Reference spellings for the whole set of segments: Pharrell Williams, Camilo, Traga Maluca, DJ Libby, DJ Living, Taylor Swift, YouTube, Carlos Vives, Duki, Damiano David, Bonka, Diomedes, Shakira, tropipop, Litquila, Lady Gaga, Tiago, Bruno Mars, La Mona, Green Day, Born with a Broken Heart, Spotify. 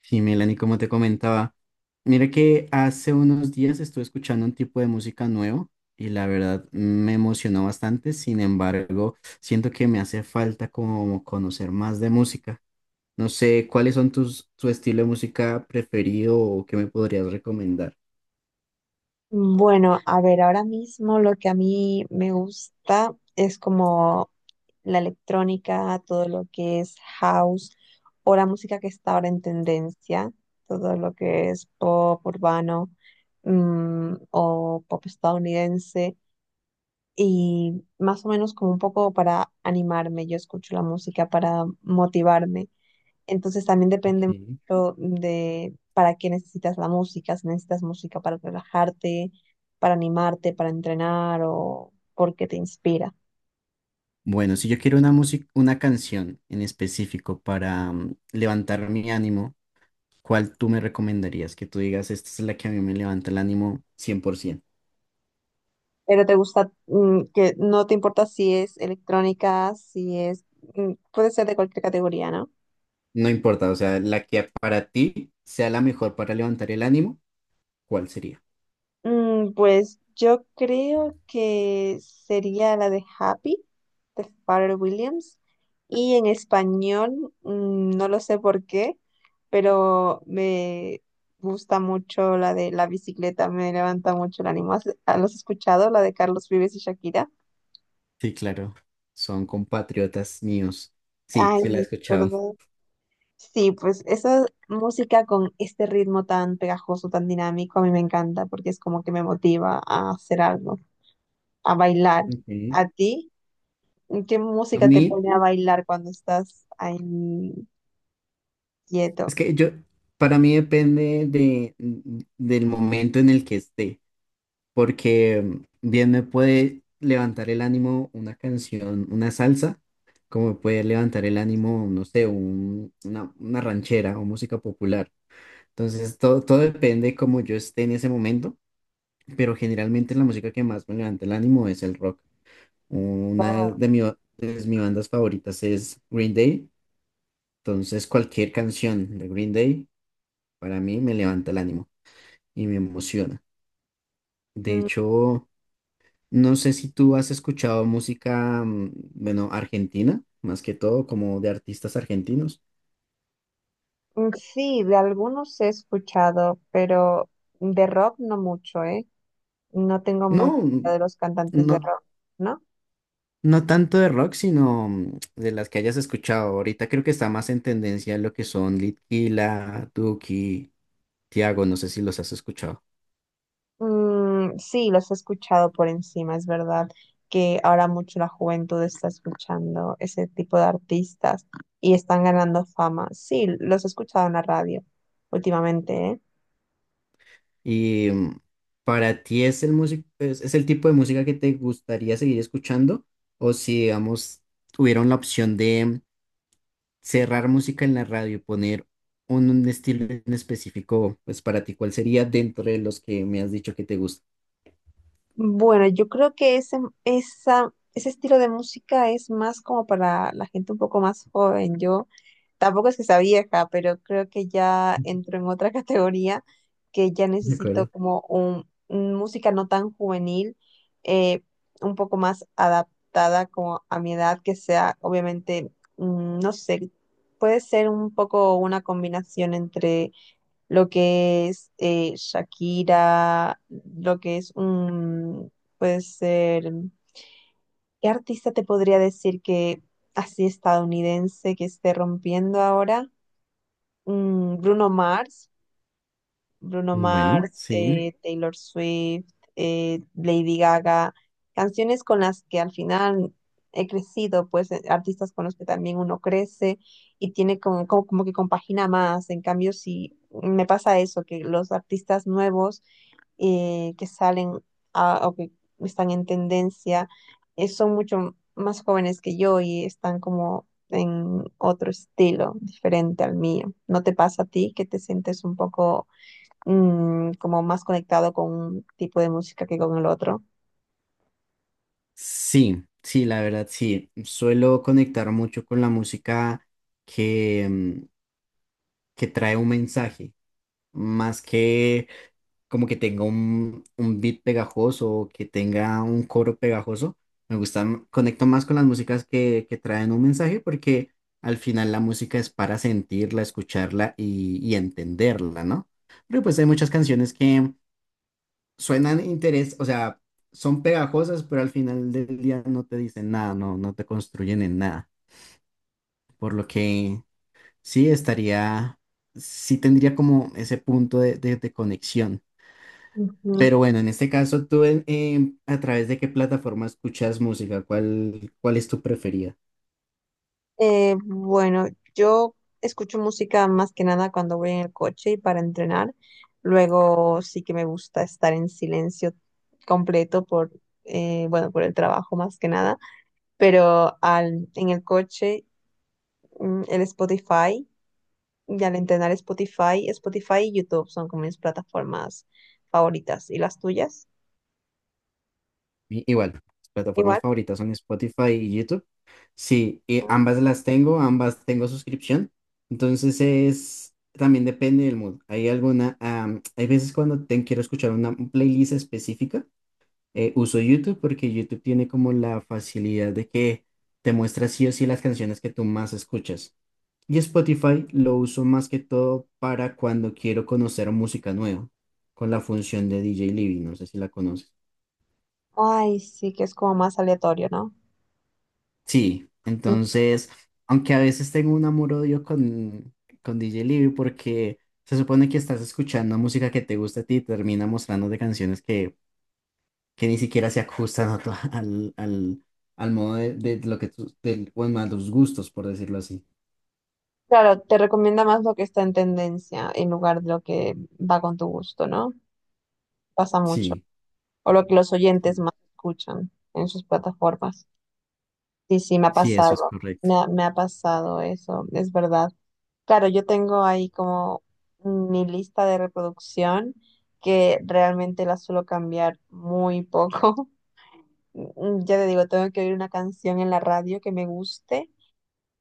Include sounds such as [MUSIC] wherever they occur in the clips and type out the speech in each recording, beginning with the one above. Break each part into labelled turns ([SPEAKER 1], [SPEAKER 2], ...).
[SPEAKER 1] Sí, Melanie, como te comentaba, mira que hace unos días estuve escuchando un tipo de música nuevo y la verdad me emocionó bastante. Sin embargo, siento que me hace falta como conocer más de música. No sé, ¿cuáles son tu estilo de música preferido o qué me podrías recomendar?
[SPEAKER 2] Bueno, a ver, ahora mismo lo que a mí me gusta es como la electrónica, todo lo que es house o la música que está ahora en tendencia, todo lo que es pop urbano o pop estadounidense y más o menos como un poco para animarme, yo escucho la música para motivarme. Entonces también depende
[SPEAKER 1] Ok.
[SPEAKER 2] mucho de para qué necesitas la música, si necesitas música para relajarte, para animarte, para entrenar o porque te inspira.
[SPEAKER 1] Bueno, si yo quiero una música, una canción en específico para levantar mi ánimo, ¿cuál tú me recomendarías? Que tú digas, esta es la que a mí me levanta el ánimo 100%.
[SPEAKER 2] Pero te gusta, que no te importa si es electrónica, si es, mm, puede ser de cualquier categoría, ¿no?
[SPEAKER 1] No importa, o sea, la que para ti sea la mejor para levantar el ánimo, ¿cuál sería?
[SPEAKER 2] Pues yo creo que sería la de Happy, de Pharrell Williams. Y en español, no lo sé por qué, pero me gusta mucho la de La bicicleta, me levanta mucho el ánimo. ¿Los has escuchado? La de Carlos Vives y Shakira.
[SPEAKER 1] Sí, claro, son compatriotas míos. Sí,
[SPEAKER 2] Ay,
[SPEAKER 1] sí la he
[SPEAKER 2] [LAUGHS]
[SPEAKER 1] escuchado.
[SPEAKER 2] ¿verdad? Sí, pues esa música con este ritmo tan pegajoso, tan dinámico, a mí me encanta porque es como que me motiva a hacer algo, a bailar.
[SPEAKER 1] Okay.
[SPEAKER 2] ¿A ti? ¿Qué
[SPEAKER 1] A
[SPEAKER 2] música te
[SPEAKER 1] mí,
[SPEAKER 2] pone a bailar cuando estás ahí quieto?
[SPEAKER 1] es que yo, para mí depende del momento en el que esté, porque bien me puede levantar el ánimo una canción, una salsa, como me puede levantar el ánimo, no sé, una ranchera o música popular. Entonces, todo depende como yo esté en ese momento, pero generalmente la música que más me levanta el ánimo es el rock.
[SPEAKER 2] Wow.
[SPEAKER 1] De mi de mis bandas favoritas es Green Day, entonces cualquier canción de Green Day para mí me levanta el ánimo y me emociona. De
[SPEAKER 2] Mm,
[SPEAKER 1] hecho, no sé si tú has escuchado música, bueno, argentina, más que todo, como de artistas argentinos.
[SPEAKER 2] Sí, de algunos he escuchado, pero de rock no mucho, ¿eh? No tengo mucha idea
[SPEAKER 1] No,
[SPEAKER 2] de los cantantes de
[SPEAKER 1] no.
[SPEAKER 2] rock, ¿no?
[SPEAKER 1] No tanto de rock, sino de las que hayas escuchado. Ahorita creo que está más en tendencia lo que son Litquila, Duki, Tiago, no sé si los has escuchado.
[SPEAKER 2] Sí, los he escuchado por encima, es verdad que ahora mucho la juventud está escuchando ese tipo de artistas y están ganando fama. Sí, los he escuchado en la radio últimamente, ¿eh?
[SPEAKER 1] Y para ti es el músico, es el tipo de música que te gustaría seguir escuchando, o si, digamos, tuvieron la opción de cerrar música en la radio y poner un estilo en específico, pues para ti, ¿cuál sería dentro de los que me has dicho que te gusta?
[SPEAKER 2] Bueno, yo creo que ese estilo de música es más como para la gente un poco más joven. Yo tampoco es que sea vieja, pero creo que ya entro en otra [LAUGHS] categoría, que ya
[SPEAKER 1] ¿De
[SPEAKER 2] necesito
[SPEAKER 1] acuerdo?
[SPEAKER 2] como un música no tan juvenil, eh, un poco más adaptada como a mi edad, que sea obviamente, no sé, puede ser un poco una combinación entre lo que es Shakira, lo que es un, puede ser, ¿qué artista te podría decir que así estadounidense que esté rompiendo ahora? Bruno Mars. Bruno
[SPEAKER 1] Bueno,
[SPEAKER 2] Mars,
[SPEAKER 1] sí.
[SPEAKER 2] Taylor Swift, Lady Gaga, canciones con las que al final he crecido, pues artistas con los que también uno crece y tiene como, como que compagina más. En cambio, si me pasa eso, que los artistas nuevos que salen o que están en tendencia son mucho más jóvenes que yo y están como en otro estilo diferente al mío. ¿No te pasa a ti que te sientes un poco como más conectado con un tipo de música que con el otro?
[SPEAKER 1] Sí, sí, la verdad, sí. Suelo conectar mucho con la música que que trae un mensaje, más que como que tenga un beat pegajoso o que tenga un coro pegajoso. Me gustan, conecto más con las músicas que traen un mensaje porque al final la música es para sentirla, escucharla y entenderla, ¿no? Pero pues hay muchas canciones que suenan interés, o sea, son pegajosas, pero al final del día no te dicen nada, no, no te construyen en nada. Por lo que sí estaría, sí tendría como ese punto de conexión.
[SPEAKER 2] Ujú.
[SPEAKER 1] Pero bueno, en este caso, ¿tú a través de qué plataforma escuchas música? ¿ cuál es tu preferida?
[SPEAKER 2] Bueno, yo escucho música más que nada cuando voy en el coche y para entrenar. Luego sí que me gusta estar en silencio completo por, bueno, por el trabajo más que nada. Pero al, en el coche, el Spotify, y al entrenar Spotify, Spotify y YouTube son como mis plataformas favoritas. ¿Y las tuyas?
[SPEAKER 1] Igual, mis plataformas
[SPEAKER 2] Igual.
[SPEAKER 1] favoritas son Spotify y YouTube. Sí, y ambas las tengo, ambas tengo suscripción. Entonces es, también depende del mood. Hay alguna, hay veces cuando quiero escuchar una playlist específica, uso YouTube porque YouTube tiene como la facilidad de que te muestra sí o sí las canciones que tú más escuchas. Y Spotify lo uso más que todo para cuando quiero conocer música nueva, con la función de DJ Living, no sé si la conoces.
[SPEAKER 2] Ay, sí, que es como más aleatorio, ¿no?
[SPEAKER 1] Sí, entonces, aunque a veces tengo un amor-odio con D J Libby porque se supone que estás escuchando música que te gusta a ti y termina mostrándote canciones que ni siquiera se ajustan a tu- [LAUGHS] al modo de lo que tú, del- bueno, a tus gustos, por decirlo así.
[SPEAKER 2] Claro, te recomienda más lo que está en tendencia en lugar de lo que va con tu gusto, ¿no? Pasa mucho.
[SPEAKER 1] Sí,
[SPEAKER 2] O lo que los oyentes más escuchan en sus plataformas. Sí, sí, me ha
[SPEAKER 1] sí, eso es
[SPEAKER 2] pasado.
[SPEAKER 1] correcto.
[SPEAKER 2] Me ha pasado eso, es verdad. Claro, yo tengo ahí como mi lista de reproducción, que realmente la suelo cambiar muy poco. [LAUGHS] Ya te digo, tengo que oír una canción en la radio que me guste.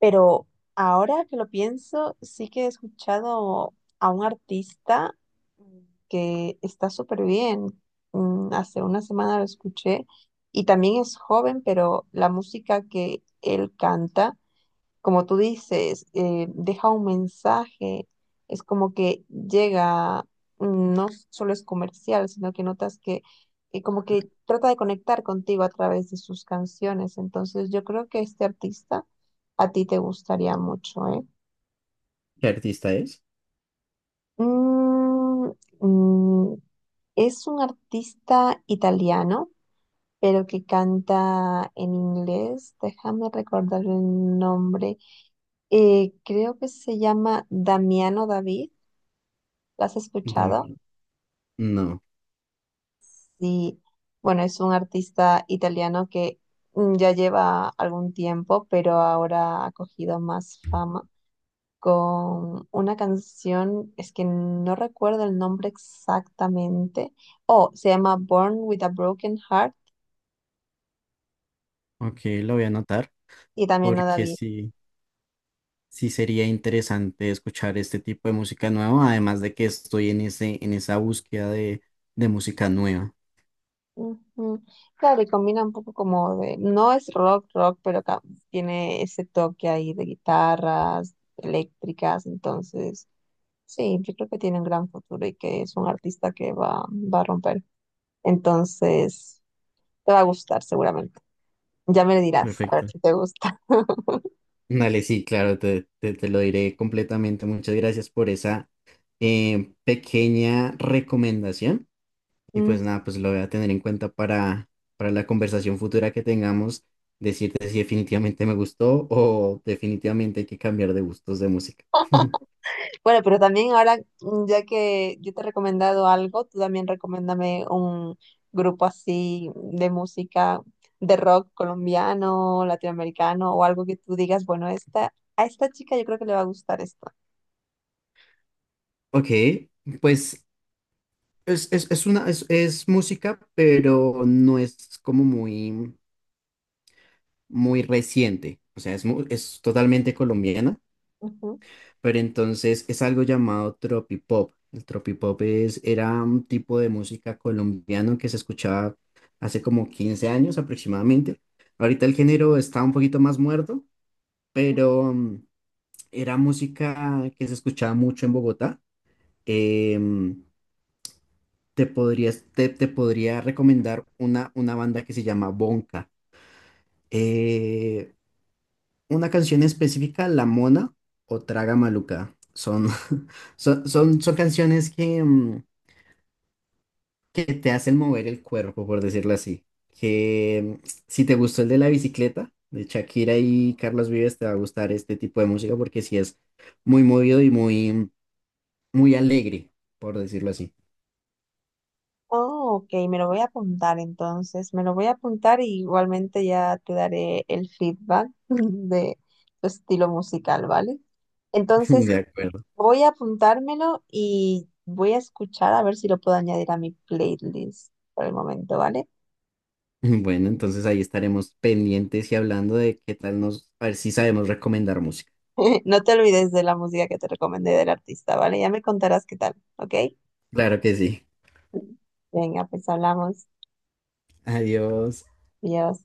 [SPEAKER 2] Pero ahora que lo pienso, sí que he escuchado a un artista mm, que está súper bien. Hace una semana lo escuché y también es joven, pero la música que él canta, como tú dices, deja un mensaje, es como que llega, no solo es comercial, sino que notas que como que trata de conectar contigo a través de sus canciones. Entonces yo creo que este artista a ti te gustaría mucho, ¿eh?
[SPEAKER 1] ¿Qué artista es?
[SPEAKER 2] Mm, mm, es un artista italiano, pero que canta en inglés. Déjame recordar el nombre. Creo que se llama Damiano David. ¿Lo has escuchado?
[SPEAKER 1] También. No,
[SPEAKER 2] Sí, bueno, es un artista italiano que ya lleva algún tiempo, pero ahora ha cogido más fama con una canción, es que no recuerdo el nombre exactamente. Oh, se llama Born with a Broken Heart
[SPEAKER 1] ok, lo voy a anotar
[SPEAKER 2] y también a
[SPEAKER 1] porque
[SPEAKER 2] David.
[SPEAKER 1] sí. Sí, sería interesante escuchar este tipo de música nueva, además de que estoy en ese, en esa búsqueda de música nueva.
[SPEAKER 2] Ujú. Claro, y combina un poco como de, no es rock, rock, pero tiene ese toque ahí de guitarras eléctricas, entonces sí, yo creo que tiene un gran futuro y que es un artista que va a romper. Entonces, te va a gustar seguramente. Ya me dirás, a ver
[SPEAKER 1] Perfecto.
[SPEAKER 2] si te gusta. [LAUGHS]
[SPEAKER 1] Dale, sí, claro, te lo diré completamente. Muchas gracias por esa pequeña recomendación. Y
[SPEAKER 2] Mm.
[SPEAKER 1] pues nada, pues lo voy a tener en cuenta para la conversación futura que tengamos, decirte si definitivamente me gustó o definitivamente hay que cambiar de gustos de música. [LAUGHS]
[SPEAKER 2] Bueno, pero también ahora, ya que yo te he recomendado algo, tú también recomiéndame un grupo así de música, de rock colombiano, latinoamericano o algo que tú digas, bueno, esta, a esta chica yo creo que le va a gustar esto.
[SPEAKER 1] Ok, pues es una, es música, pero no es como muy reciente. O sea, es, es totalmente colombiana,
[SPEAKER 2] Ujú.
[SPEAKER 1] pero entonces es algo llamado tropipop. El tropipop es, era un tipo de música colombiano que se escuchaba hace como 15 años aproximadamente. Ahorita el género está un poquito más muerto, pero era música que se escuchaba mucho en Bogotá. Em, te podrías, te podría recomendar una banda que se llama Bonka. Eh, una canción específica, La Mona o Traga Maluca. Son, [LAUGHS] son canciones que que te hacen mover el cuerpo, por decirlo así. Que mm, si te gustó el de la bicicleta, de Shakira y Carlos Vives, te va a gustar este tipo de música porque sí es muy movido y muy, muy alegre, por decirlo así.
[SPEAKER 2] Oh, ok, me lo voy a apuntar entonces, me lo voy a apuntar, y igualmente ya te daré el feedback [LAUGHS] de tu estilo musical, ¿vale?
[SPEAKER 1] [LAUGHS]
[SPEAKER 2] Entonces
[SPEAKER 1] De acuerdo.
[SPEAKER 2] voy a apuntármelo y voy a escuchar a ver si lo puedo añadir a mi playlist por el momento, ¿vale?
[SPEAKER 1] [LAUGHS] Bueno, entonces ahí estaremos pendientes y hablando de qué tal nos, a ver si sabemos recomendar música.
[SPEAKER 2] [LAUGHS] No te olvides de la música que te recomendé del artista, ¿vale? Ya me contarás qué tal, ¿ok?
[SPEAKER 1] Claro que sí.
[SPEAKER 2] Venga, pues hablamos.
[SPEAKER 1] Adiós.
[SPEAKER 2] Adiós.